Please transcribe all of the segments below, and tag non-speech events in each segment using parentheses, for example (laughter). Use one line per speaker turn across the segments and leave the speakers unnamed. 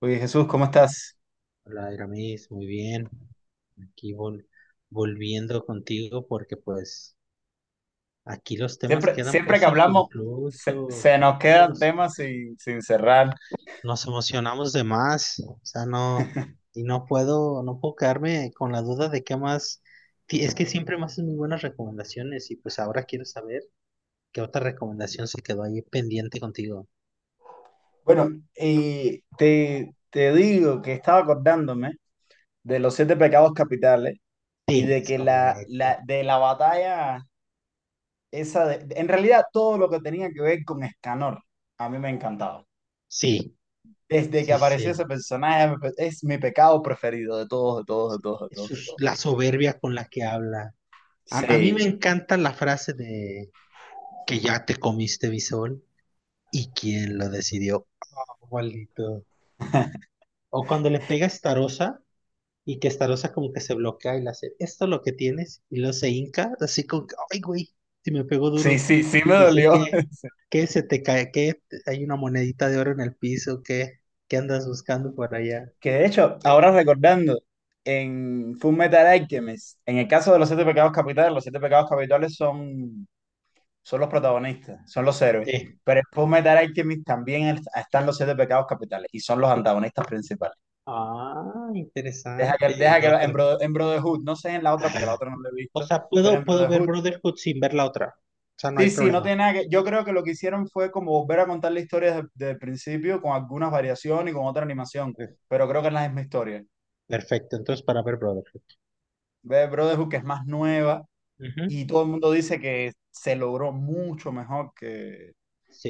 Oye, Jesús, ¿cómo estás?
Hola, Iramis, muy bien. Aquí volviendo contigo porque pues aquí los temas
Siempre,
quedan
siempre que
pues
hablamos, se
inconclusos.
nos
¿Sabes?
quedan temas sin cerrar.
Nos emocionamos de más, o sea, no, y no puedo quedarme con la duda de qué más. Es que siempre me haces muy buenas recomendaciones y pues ahora quiero saber qué otra recomendación se quedó ahí pendiente contigo.
Bueno, te digo que estaba acordándome de los siete pecados capitales y
Sí,
de
es
que
correcto.
de la batalla esa de, en realidad todo lo que tenía que ver con Escanor, a mí me encantaba.
Sí,
Desde que
sí,
apareció ese
sí.
personaje, es mi pecado preferido de todos, de todos, de
Sí.
todos, de todos,
Eso
de
es
todos.
la soberbia con la que habla. A mí me
Sí,
encanta la frase de que ya te comiste mi sol y quién lo decidió. Oh, maldito. O cuando le pega a Starosa y que Starosa como que se bloquea y le hace, esto es lo que tienes, y luego se hinca, así como que, ay, güey, si me pegó
sí,
duro.
sí, sí me
Y dice
dolió.
que se te cae, que hay una monedita de oro en el piso, que andas buscando por allá.
Que de hecho,
Eh,
ahora recordando, en Full Metal Alchemist, en el caso de los siete pecados capitales, los siete pecados capitales son los protagonistas, son los héroes.
eh.
Pero en Full Metal Alchemist también están los siete pecados capitales y son los antagonistas principales.
Ah, interesante.
Deja que en,
Otra.
Bro- en Brotherhood, no sé en la otra porque
Ay,
la otra no la he
o
visto,
sea,
pero en
puedo ver
Brotherhood,
Brotherhood sin ver la otra. O sea, no hay
sí, sí, no
problema.
tiene nada que. Yo creo que lo que hicieron fue como volver a contar la historia desde el principio con algunas variaciones y con otra animación,
Ok.
pero creo que es la misma historia.
Perfecto, entonces para ver Brotherhood.
Ve Brotherhood que es más nueva.
Ujú.
Y todo el mundo dice que se logró mucho mejor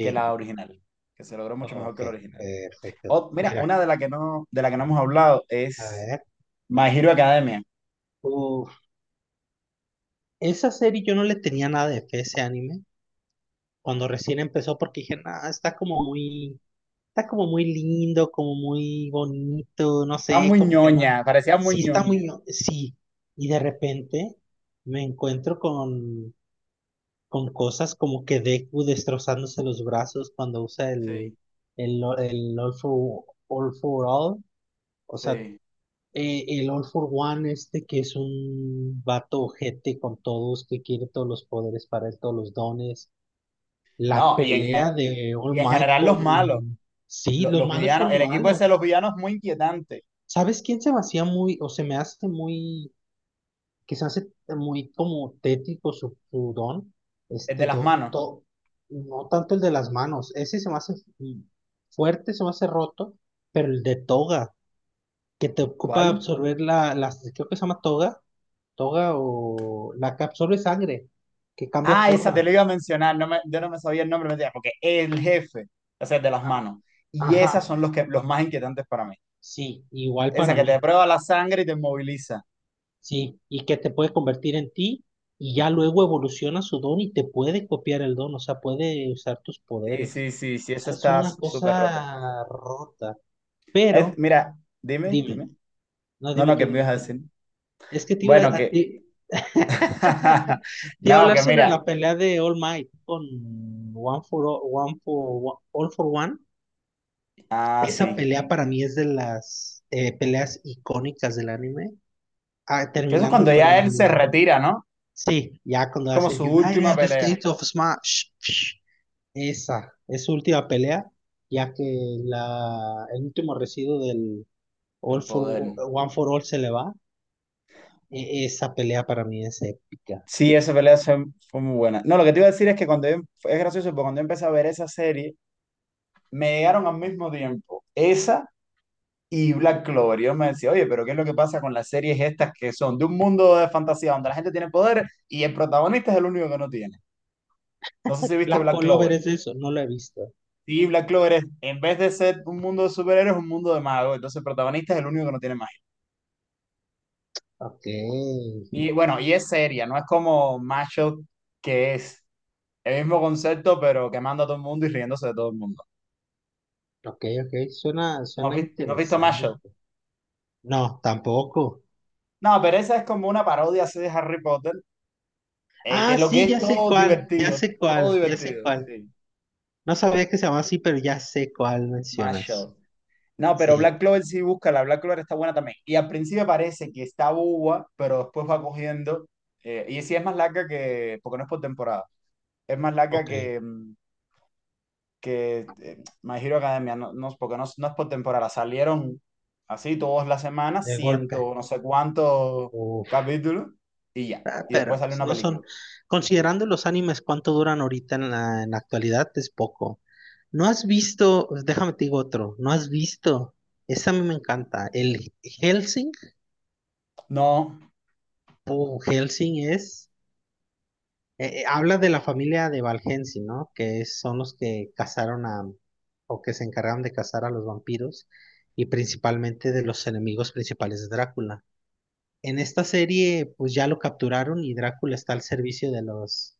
que la original, que se logró mucho mejor
ok,
que la original.
perfecto.
Mira,
Mira,
una de la que no, de la que no hemos hablado
a
es
ver.
My Hero Academia.
Uf, esa serie yo no le tenía nada de fe a ese anime cuando recién empezó porque dije, nada, está como muy lindo, como muy bonito, no
Está
sé,
muy
como que no.
ñoña, parecía muy
Sí, está
ñoña.
muy, sí. Y de repente me encuentro con cosas como que Deku destrozándose los brazos cuando usa el,
Sí,
el, el All for, All for All. O sea,
sí.
el All for One este que es un vato ojete con todos, que quiere todos los poderes para él, todos los dones. La
No,
pelea de All
y en
Might
general los malos,
con... Sí,
lo-
los
los,
malos
villanos,
son
el equipo ese de
malos.
los villanos es muy inquietante,
¿Sabes quién se me hacía muy, o se me hace muy que se hace muy como tétrico su, su don,
el de
este,
las manos.
no tanto el de las manos, ese se me hace fuerte, se me hace roto, pero el de toga, que te ocupa
¿Cuál?
absorber la, creo que se llama toga, toga o la que absorbe sangre, que cambia
Ah, esa te lo iba
formas.
a mencionar, no me, yo no me sabía el nombre, me decía, porque el jefe, o sea, el de las manos. Y esas
Ajá,
son los, que, los más inquietantes para mí.
sí, igual
Esa
para
que te
mí,
prueba la sangre y te moviliza.
sí, y que te puede convertir en ti. Y ya luego evoluciona su don y te puede copiar el don, o sea, puede usar tus
Sí,
poderes.
sí, sí, sí, eso
Sea, es
está
una
súper roto.
cosa rota. Pero,
Mira, dime,
dime,
dime.
no,
No,
dime
no, ¿qué
tú,
me
dime
ibas a
tú.
decir?
Es que te iba
Bueno,
a,
que...
ti- (laughs)
(laughs)
te iba a
No,
hablar
que
sobre
mira.
la pelea de All Might con One for, All for One.
Ah,
Esa
sí.
pelea para mí es de las peleas icónicas del anime. Ah,
Que eso es
terminando
cuando
con
ya él se
el...
retira, ¿no?
Sí, ya
Es
cuando
como
hace
su
el
última
United
pelea
States of Smash. Esa es su última pelea, ya que la, el último residuo del,
de
All for
poder.
One for All se le va. Esa pelea para mí es épica.
Sí, esa pelea fue, fue muy buena. No, lo que te iba a decir es que es gracioso, porque cuando yo empecé a ver esa serie, me llegaron al mismo tiempo. Esa y Black Clover, y yo me decía, oye, pero ¿qué es lo que pasa con las series estas que son de un mundo de fantasía donde la gente tiene poder y el protagonista es el único que no tiene? No sé si viste
Black
Black Clover.
Clover es eso, no la he visto.
Sí, Black Clover es, en vez de ser un mundo de superhéroes, es un mundo de magos. Entonces el protagonista es el único que no tiene magia.
Ok,
Y bueno, y es seria, no es como Mashup, que es el mismo concepto, pero quemando a todo el mundo y riéndose de todo el mundo.
ok, ok,
¿No has
suena
no has visto Mashup?
interesante. No, tampoco.
No, pero esa es como una parodia así de Harry Potter, que
Ah,
lo que
sí,
es
ya sé cuál, ya sé
todo
cuál, ya sé
divertido,
cuál.
sí.
No sabía que se llamaba así, pero ya sé cuál mencionas.
Mashup. No, pero Black
Sí,
Clover sí busca, la Black Clover está buena también. Y al principio parece que está boba, pero después va cogiendo. Eh, y sí es más larga que, porque no es por temporada, es más larga
ok,
que, que eh, My Hero Academia, no, no, porque no, no es por temporada. Salieron así todas las semanas,
de
ciento
golpe.
no sé cuántos
Uf,
capítulos, y ya.
ah,
Y después
pero
salió
pues
una
no
película.
son, considerando los animes cuánto duran ahorita en en la actualidad, es poco. ¿No has visto, pues, déjame te digo otro, no has visto, ese a mí me encanta, el Helsing,
No,
o Helsing es, habla de la familia de Valhensing, ¿no? Son los que cazaron a, o que se encargaron de cazar a los vampiros y principalmente de los enemigos principales de Drácula. En esta serie, pues ya lo capturaron y Drácula está al servicio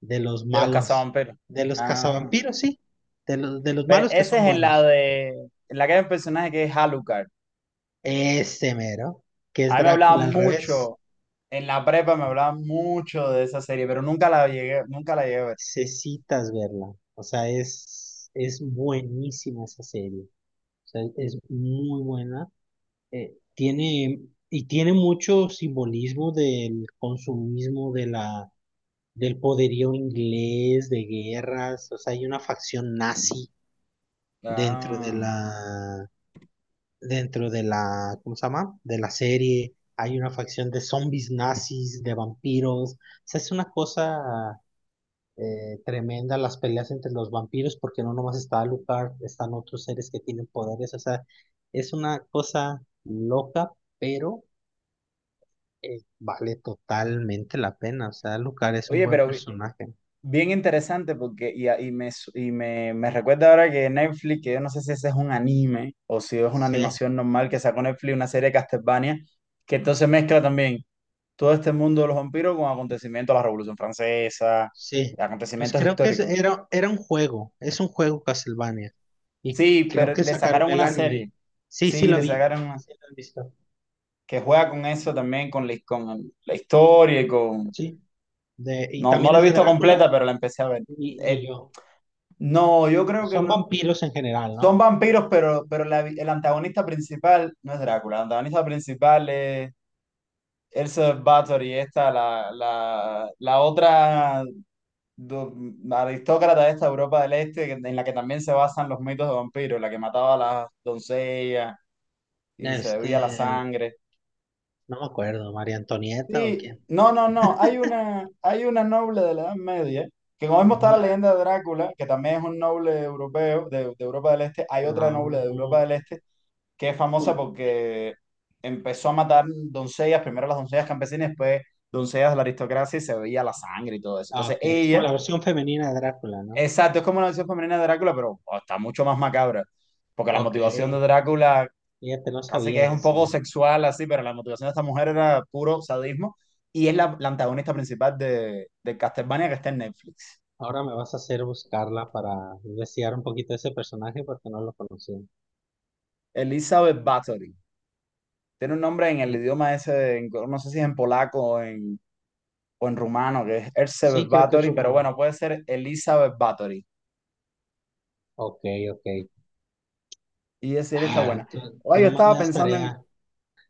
de los
de los
malos,
cazavampiros.
de los
Ah,
cazavampiros, sí, de los
pero
malos que
ese
son
es en la
buenos.
de, en la que hay un personaje que es Alucard.
Ese mero, que
A
es
mí me
Drácula
hablaban
al revés.
mucho, en la prepa me hablaban mucho de esa serie, pero nunca la llegué, nunca la llegué a ver.
Necesitas verla. O sea, es buenísima esa serie. O sea, es muy buena. Tiene, y tiene mucho simbolismo del consumismo, de la, del poderío inglés, de guerras. O sea, hay una facción nazi dentro de
Ah.
la, dentro de la, ¿cómo se llama? De la serie, hay una facción de zombies nazis, de vampiros. O sea, es una cosa tremenda las peleas entre los vampiros, porque no nomás está Alucard, están otros seres que tienen poderes. O sea, es una cosa loca, pero vale totalmente la pena. O sea, Alucard es un
Oye,
buen
pero
personaje.
bien interesante porque, y, a- y me, su- y me recuerda ahora que Netflix, que yo no sé si ese es un anime o si es una
Sí.
animación normal que sacó Netflix, una serie de Castlevania, que entonces mezcla también todo este mundo de los vampiros con acontecimientos de la Revolución Francesa,
Sí, pues
acontecimientos
creo que
históricos.
era, era un juego, es un juego Castlevania. Y
Sí,
creo
pero
que
le
sacaron
sacaron
el
una
anime.
serie.
Sí, sí
Sí,
lo
le
vi,
sacaron.
sí lo he visto.
Que juega con eso también, con la, con la historia y con...
Sí, de, y
No, no
también
la he
es de
visto
Drácula,
completa, pero la empecé a ver.
ni, ni
Eh,
yo.
no, yo creo que
Son
no.
vampiros en general,
Son
¿no?
vampiros, pero el antagonista principal no es Drácula. El antagonista principal es Elsa Bathory, esta, la otra do- aristócrata de esta Europa del Este, que- en la que también se basan los mitos de vampiros, la que mataba a las doncellas y se
Este,
bebía la sangre.
no me acuerdo, María Antonieta o
Sí,
quién.
no, no, no. Hay una noble de la Edad Media, que como vemos está la
Ma-
leyenda de Drácula, que también es un noble europeo de Europa del Este. Hay otra noble de Europa
No,
del Este que es
es
famosa
como-
porque empezó a matar doncellas, primero las doncellas campesinas, después doncellas de la aristocracia y se veía la sangre y todo eso.
ah,
Entonces
ok, es como
ella,
la versión femenina de Drácula, ¿no?
exacto, es como una versión femenina de Drácula, pero oh, está mucho más macabra, porque la
Ok,
motivación de Drácula
fíjate, no
casi que
sabía
es un poco
eso.
sexual así, pero la motivación de esta mujer era puro sadismo y es la antagonista principal de Castlevania que está en Netflix.
Ahora me vas a hacer buscarla para investigar un poquito ese personaje porque no lo conocía.
Elizabeth Bathory. Tiene un nombre en el
El-
idioma ese, en- no sé si es en polaco o en rumano, que es
Sí,
Elizabeth
creo que es
Bathory, pero
romano.
bueno, puede ser Elizabeth Bathory.
Ok, ok.
Y decir, está
Ah,
buena.
tú
Oye, yo
nomás me
estaba
das
pensando
tarea.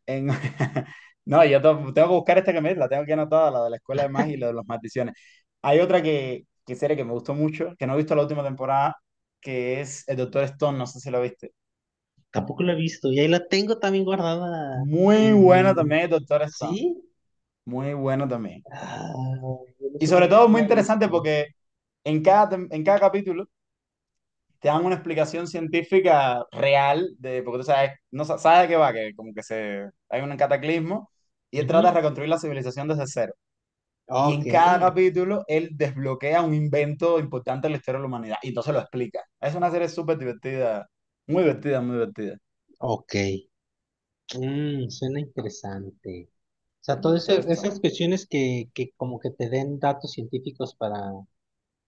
en- (laughs) No, yo tengo que buscar esta que me la tengo aquí anotada, la de la Escuela de Magia y la de los maldiciones. Hay otra que serie que me gustó mucho, que no he visto la última temporada, que es El Doctor Stone, no sé si la viste.
Tampoco la he visto. Y ahí la tengo también guardada
Muy buena
en...
también El Doctor Stone,
¿Sí?
muy bueno también.
Ah, yo no
Y
sé
sobre
por qué
todo
no
muy
la he
interesante
visto.
porque en cada capítulo te dan una explicación científica real de, porque tú sabes, no sa- sabes de qué va, que como que se, hay un cataclismo y él trata de
Ujú.
reconstruir la civilización desde cero. Y
Ok,
en cada capítulo él desbloquea un invento importante de la historia de la humanidad y entonces lo explica. Es una serie súper divertida, muy divertida, muy divertida.
ok. Mm, suena interesante. O sea,
El
todas
Doctor
esas
Stone.
cuestiones que como que te den datos científicos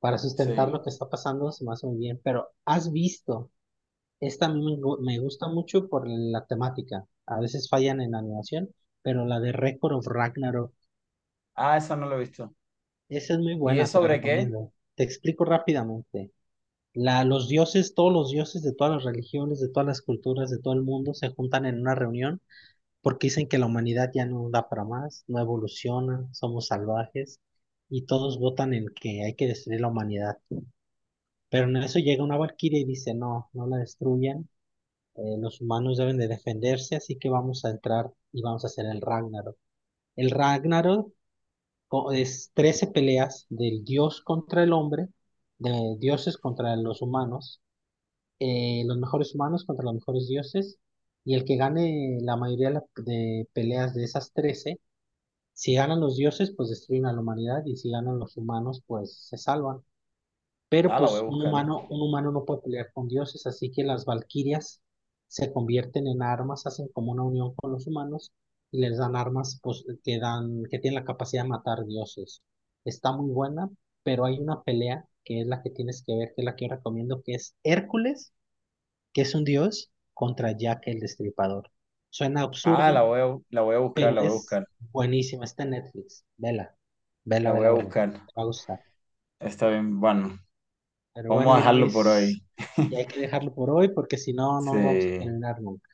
para sustentar lo
Sí.
que está pasando, se me hace muy bien, pero has visto, esta a mí me, me gusta mucho por la temática, a veces fallan en animación, pero la de Record of Ragnarok,
Ah, esa no la he visto.
esa es muy
¿Y es
buena, te la
sobre qué?
recomiendo. Te explico rápidamente. La, los dioses, todos los dioses de todas las religiones, de todas las culturas, de todo el mundo se juntan en una reunión porque dicen que la humanidad ya no da para más, no evoluciona, somos salvajes y todos votan en que hay que destruir la humanidad. Pero en eso llega una valquiria y dice, no, no la destruyan, los humanos deben de defenderse, así que vamos a entrar y vamos a hacer el Ragnarok. El Ragnarok es 13 peleas del dios contra el hombre, de dioses contra los humanos, los mejores humanos contra los mejores dioses, y el que gane la mayoría de de peleas de esas 13 si ganan los dioses, pues destruyen a la humanidad, y si ganan los humanos, pues se salvan. Pero
Ah, la voy a
pues
buscar.
un humano no puede pelear con dioses, así que las valquirias se convierten en armas, hacen como una unión con los humanos y les dan armas pues, que dan, que tienen la capacidad de matar dioses. Está muy buena, pero hay una pelea que es la que tienes que ver, que es la que yo recomiendo, que es Hércules, que es un dios, contra Jack el Destripador. Suena
Ah,
absurdo,
la voy a buscar,
pero
la voy a
es
buscar,
buenísima. Está en Netflix. Vela,
la
vela,
voy
vela,
a
vela.
buscar.
Te va a gustar.
Está bien, bueno,
Pero
vamos
bueno,
a dejarlo por
Iramis,
hoy.
ya
(laughs)
hay que dejarlo por hoy porque si no, no lo vamos a
Sí.
terminar nunca.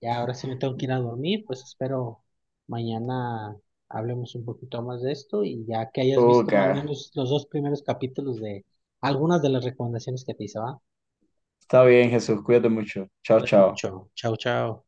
Ya ahora sí me tengo que ir a dormir, pues espero mañana hablemos un poquito más de esto y ya que hayas
Ok.
visto al menos los 2 primeros capítulos de algunas de las recomendaciones que te hice, ¿va?
Está bien, Jesús, cuídate mucho. Chao,
Cuídate
chao.
mucho. Chao, chao.